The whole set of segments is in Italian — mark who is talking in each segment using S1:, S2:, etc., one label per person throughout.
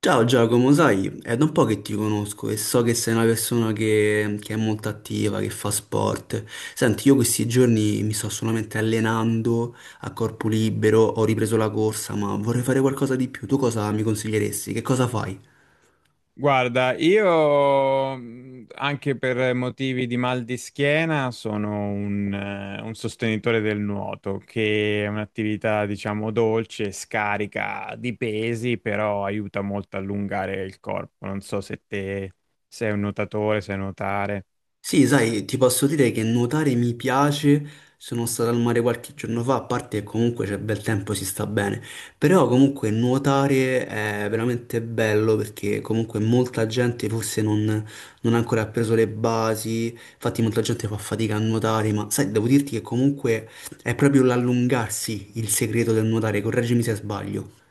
S1: Ciao Giacomo, sai, è da un po' che ti conosco e so che sei una persona che è molto attiva, che fa sport. Senti, io questi giorni mi sto solamente allenando a corpo libero, ho ripreso la corsa, ma vorrei fare qualcosa di più. Tu cosa mi consiglieresti? Che cosa fai?
S2: Guarda, io anche per motivi di mal di schiena sono un sostenitore del nuoto, che è un'attività, diciamo, dolce, scarica di pesi, però aiuta molto a allungare il corpo. Non so se te sei un nuotatore, sai nuotare.
S1: Sì, sai, ti posso dire che nuotare mi piace, sono stato al mare qualche giorno fa, a parte che comunque c'è bel tempo, si sta bene, però comunque nuotare è veramente bello perché comunque molta gente forse non, non ha ancora preso le basi, infatti molta gente fa fatica a nuotare, ma sai, devo dirti che comunque è proprio l'allungarsi il segreto del nuotare, correggimi se sbaglio.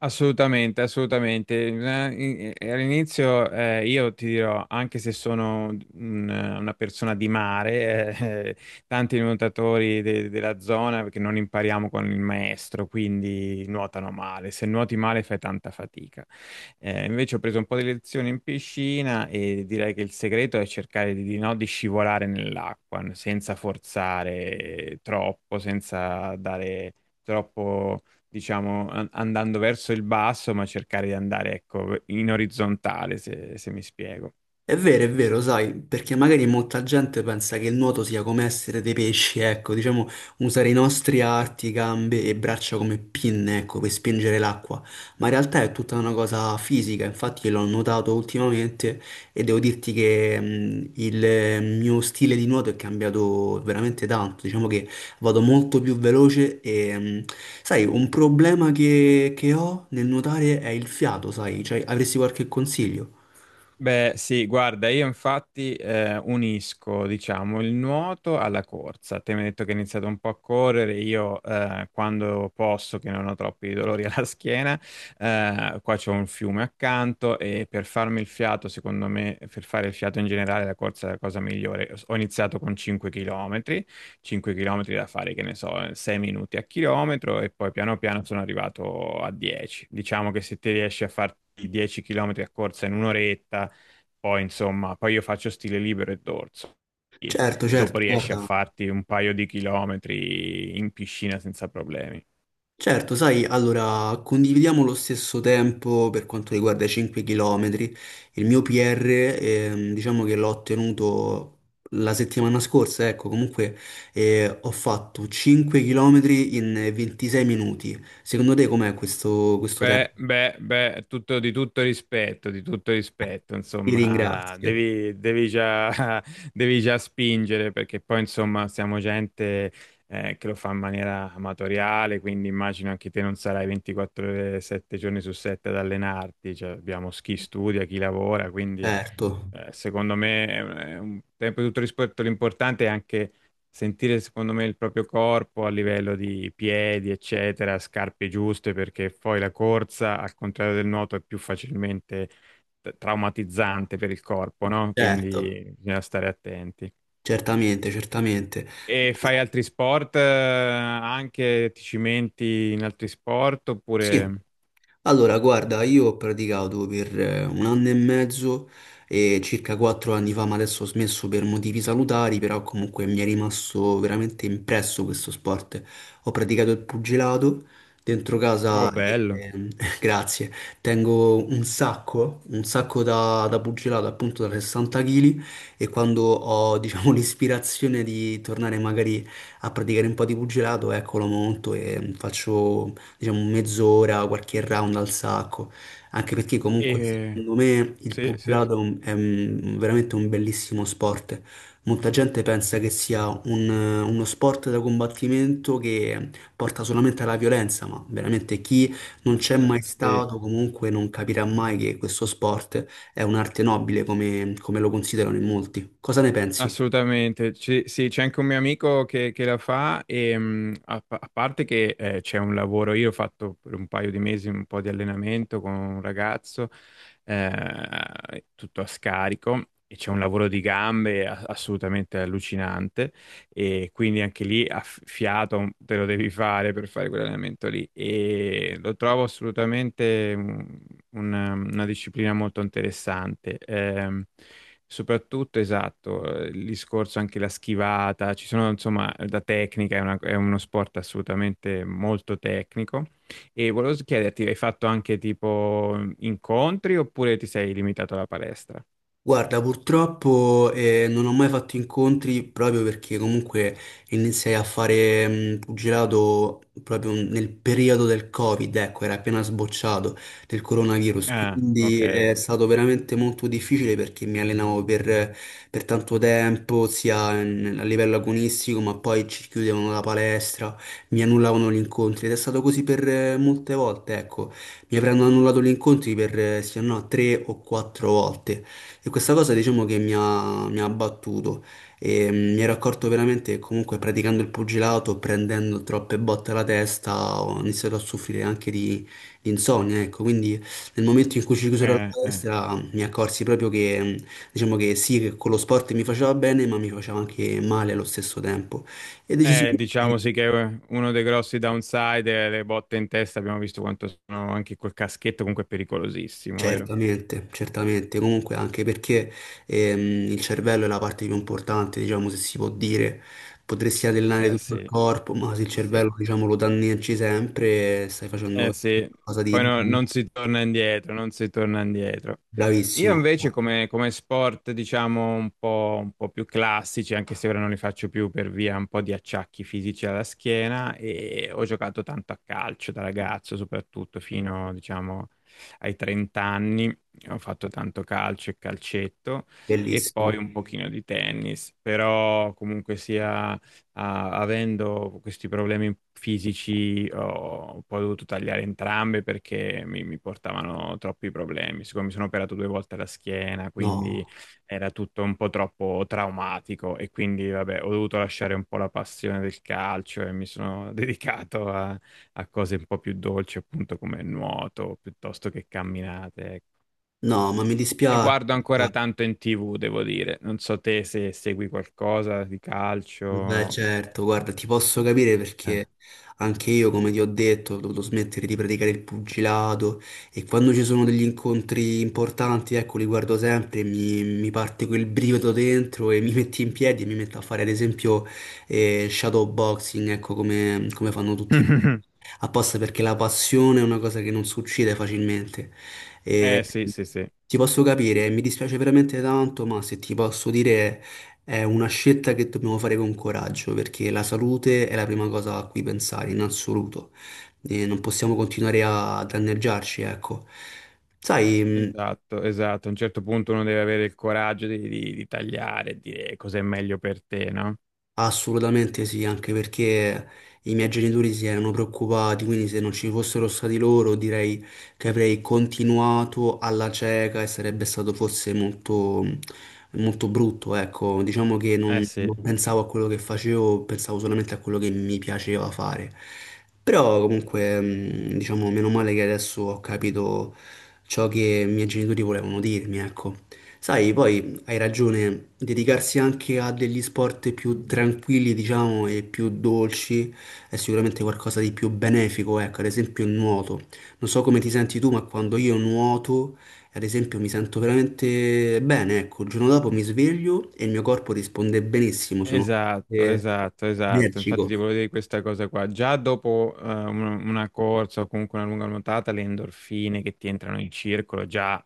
S2: Assolutamente, assolutamente. All'inizio io ti dirò, anche se sono una persona di mare, eh, tanti nuotatori della zona, perché non impariamo con il maestro, quindi nuotano male. Se nuoti male fai tanta fatica. Invece ho preso un po' di lezioni in piscina e direi che il segreto è cercare di scivolare nell'acqua, senza forzare troppo, senza dare troppo, diciamo, andando verso il basso, ma cercare di andare, ecco, in orizzontale, se mi spiego.
S1: È vero, sai, perché magari molta gente pensa che il nuoto sia come essere dei pesci, ecco, diciamo, usare i nostri arti, gambe e braccia come pinne, ecco, per spingere l'acqua, ma in realtà è tutta una cosa fisica, infatti l'ho notato ultimamente e devo dirti che il mio stile di nuoto è cambiato veramente tanto, diciamo che vado molto più veloce sai, un problema che ho nel nuotare è il fiato, sai, cioè, avresti qualche consiglio?
S2: Beh, sì, guarda, io infatti unisco, diciamo, il nuoto alla corsa. Te mi hai detto che hai iniziato un po' a correre, io quando posso, che non ho troppi dolori alla schiena, qua c'è un fiume accanto e per farmi il fiato, secondo me, per fare il fiato in generale, la corsa è la cosa migliore. Ho iniziato con 5 km, 5 km da fare, che ne so, 6 minuti a chilometro e poi piano piano sono arrivato a 10. Diciamo che se ti riesci a farti 10 km a corsa in un'oretta, poi, insomma, poi io faccio stile libero e dorso. Quindi.
S1: Certo,
S2: Dopo
S1: certo,
S2: riesci a
S1: guarda.
S2: farti un paio di chilometri in piscina senza problemi.
S1: Certo, sai, allora condividiamo lo stesso tempo per quanto riguarda i 5 km. Il mio PR, diciamo che l'ho ottenuto la settimana scorsa, ecco, comunque ho fatto 5 km in 26 minuti. Secondo te com'è questo tempo?
S2: Beh, beh, beh, tutto, di tutto rispetto,
S1: Ti
S2: insomma,
S1: ringrazio.
S2: devi già, devi già spingere perché poi, insomma, siamo gente che lo fa in maniera amatoriale, quindi immagino anche te non sarai 24 ore, 7 giorni su 7 ad allenarti, cioè abbiamo chi studia, chi lavora, quindi.
S1: Certo,
S2: Secondo me, è un tempo di tutto rispetto, l'importante è anche sentire, secondo me, il proprio corpo a livello di piedi, eccetera, scarpe giuste, perché poi la corsa, al contrario del nuoto, è più facilmente traumatizzante per il corpo, no?
S1: certo,
S2: Quindi bisogna stare attenti.
S1: certamente, certamente.
S2: E fai altri sport, anche ti cimenti in altri sport,
S1: Sì.
S2: oppure...
S1: Allora, guarda, io ho praticato per un anno e mezzo e circa quattro anni fa, ma adesso ho smesso per motivi salutari, però comunque mi è rimasto veramente impresso questo sport. Ho praticato il pugilato dentro
S2: Oh,
S1: casa,
S2: bello.
S1: eh, grazie, tengo un sacco da pugilato, appunto da 60 kg e quando ho, diciamo, l'ispirazione di tornare magari a praticare un po' di pugilato, ecco, lo monto e faccio diciamo mezz'ora, qualche round al sacco, anche perché comunque
S2: E...
S1: secondo me il
S2: Sì, sì, sì.
S1: pugilato è veramente un bellissimo sport. Molta gente pensa che sia uno sport da combattimento che porta solamente alla violenza, ma veramente chi non c'è
S2: Eh,
S1: mai
S2: sì.
S1: stato comunque non capirà mai che questo sport è un'arte nobile come, come lo considerano in molti. Cosa ne pensi?
S2: Assolutamente. Sì, c'è anche un mio amico che la fa e a parte che c'è un lavoro, io ho fatto per un paio di mesi un po' di allenamento con un ragazzo, tutto a scarico e c'è un lavoro di gambe assolutamente allucinante e quindi anche lì a fiato te lo devi fare per fare quell'allenamento lì e lo trovo assolutamente una disciplina molto interessante. Soprattutto, esatto, il discorso anche la schivata, ci sono insomma da tecnica, è uno sport assolutamente molto tecnico. E volevo chiederti, hai fatto anche tipo incontri oppure ti sei limitato alla palestra?
S1: Guarda, purtroppo non ho mai fatto incontri proprio perché comunque iniziai a fare pugilato proprio nel periodo del Covid, ecco, era appena sbocciato del coronavirus,
S2: Ah, ok.
S1: quindi è stato veramente molto difficile perché mi allenavo per tanto tempo, a livello agonistico, ma poi ci chiudevano la palestra, mi annullavano gli incontri ed è stato così per molte volte, ecco, mi avranno annullato gli incontri per se no tre o quattro volte. E questa cosa diciamo che mi ha abbattuto e mi ero accorto veramente che comunque praticando il pugilato, prendendo troppe botte alla testa, ho iniziato a soffrire anche di insonnia, ecco, quindi nel momento in cui ci chiusero la
S2: Eh.
S1: palestra mi accorsi proprio che, diciamo che sì, che con lo sport mi faceva bene, ma mi faceva anche male allo stesso tempo e decisi.
S2: Diciamo sì che uno dei grossi downside è le botte in testa, abbiamo visto quanto sono anche col caschetto, comunque è pericolosissimo, vero?
S1: Certamente, certamente, comunque anche perché il cervello è la parte più importante, diciamo, se si può dire, potresti allenare
S2: Eh
S1: tutto il
S2: sì,
S1: corpo, ma se il
S2: sì.
S1: cervello, diciamo, lo danneggi sempre, stai
S2: Eh
S1: facendo
S2: sì,
S1: qualcosa
S2: poi
S1: di
S2: non si torna indietro, non si torna indietro. Io
S1: bravissimo,
S2: invece come sport, diciamo, un po' più classici, anche se ora non li faccio più per via un po' di acciacchi fisici alla schiena, e ho giocato tanto a calcio da ragazzo, soprattutto fino, diciamo, ai 30 anni. Ho fatto tanto calcio e calcetto e poi
S1: bellissimo.
S2: un pochino di tennis, però comunque sia avendo questi problemi fisici, ho poi dovuto tagliare entrambe perché mi portavano troppi problemi. Siccome mi sono operato due volte la schiena, quindi
S1: No,
S2: era tutto un po' troppo traumatico e quindi, vabbè, ho dovuto lasciare un po' la passione del calcio e mi sono dedicato a cose un po' più dolci, appunto come il nuoto, piuttosto che camminate. Ecco.
S1: no, ma mi
S2: Ne
S1: dispiace.
S2: guardo ancora tanto in TV, devo dire. Non so te se segui qualcosa di
S1: Beh,
S2: calcio.
S1: certo, guarda, ti posso capire
S2: Eh.
S1: perché anche io, come ti ho detto, ho dovuto smettere di praticare il pugilato e quando ci sono degli incontri importanti, ecco, li guardo sempre e mi parte quel brivido dentro e mi metti in piedi e mi metto a fare, ad esempio, shadow boxing, ecco, come, come fanno tutti apposta perché la passione è una cosa che non succede facilmente. E
S2: Eh sì, sì, sì,
S1: ti posso capire, mi dispiace veramente tanto, ma se ti posso dire è una scelta che dobbiamo fare con coraggio, perché la salute è la prima cosa a cui pensare in assoluto. E non possiamo continuare a danneggiarci, ecco. Sai,
S2: esatto, esatto. A un certo punto uno deve avere il coraggio di tagliare e dire cos'è meglio per te, no?
S1: assolutamente sì, anche perché i miei genitori si erano preoccupati, quindi se non ci fossero stati loro direi che avrei continuato alla cieca e sarebbe stato forse molto, molto brutto, ecco, diciamo che
S2: Eh sì.
S1: non pensavo a quello che facevo, pensavo solamente a quello che mi piaceva fare. Però comunque, diciamo, meno male che adesso ho capito ciò che i miei genitori volevano dirmi, ecco. Sai, poi hai ragione, dedicarsi anche a degli sport più tranquilli, diciamo, e più dolci è sicuramente qualcosa di più benefico, ecco, ad esempio il nuoto. Non so come ti senti tu, ma quando io nuoto, ad esempio, mi sento veramente bene, ecco, il giorno dopo mi sveglio e il mio corpo risponde benissimo, sono
S2: Esatto,
S1: eh,
S2: esatto, esatto. Infatti ti
S1: energico.
S2: volevo dire questa cosa qua. Già dopo una corsa o comunque una lunga nuotata, le endorfine che ti entrano in circolo, già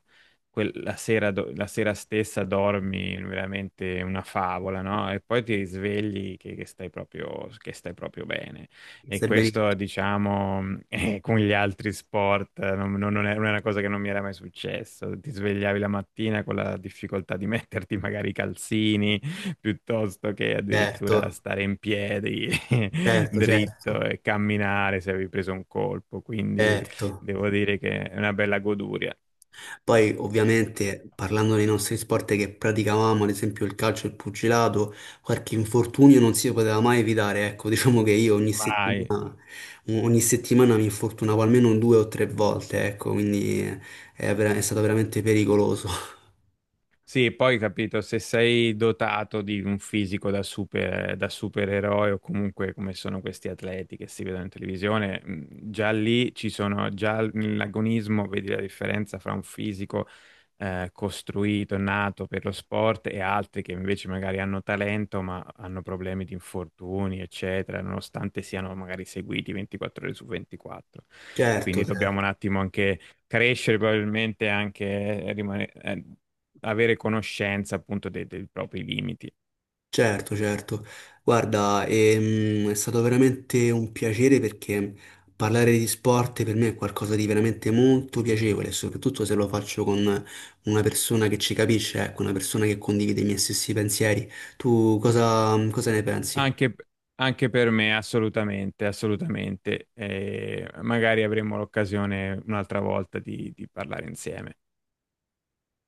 S2: la sera, la sera stessa dormi veramente una favola, no? E poi ti risvegli che stai proprio bene. E
S1: Stai benissimo,
S2: questo, diciamo, con gli altri sport non è una cosa che non mi era mai successo. Ti svegliavi la mattina con la difficoltà di metterti magari i calzini piuttosto che addirittura
S1: certo,
S2: stare in piedi
S1: certo,
S2: dritto
S1: certo,
S2: e camminare se avevi preso un colpo. Quindi
S1: certo.
S2: devo dire che è una bella goduria.
S1: Poi ovviamente parlando dei nostri sport che praticavamo, ad esempio il calcio e il pugilato, qualche infortunio non si poteva mai evitare. Ecco, diciamo che io
S2: Mai.
S1: ogni settimana mi infortunavo almeno due o tre volte, ecco, quindi è, è stato veramente pericoloso.
S2: Sì, poi capito, se sei dotato di un fisico da da supereroe o comunque come sono questi atleti che si vedono in televisione, già lì ci sono, nell'agonismo vedi la differenza fra un fisico costruito, nato per lo sport e altri che invece magari hanno talento ma hanno problemi di infortuni, eccetera, nonostante siano magari seguiti 24 ore su 24.
S1: Certo,
S2: Quindi
S1: certo.
S2: dobbiamo un attimo anche crescere probabilmente anche avere conoscenza appunto dei propri limiti.
S1: Certo, certo. Guarda, è stato veramente un piacere perché parlare di sport per me è qualcosa di veramente molto piacevole, soprattutto se lo faccio con una persona che ci capisce, ecco, una persona che condivide i miei stessi pensieri. Tu cosa ne pensi?
S2: Anche, anche per me, assolutamente, assolutamente. Magari avremo l'occasione un'altra volta di parlare insieme.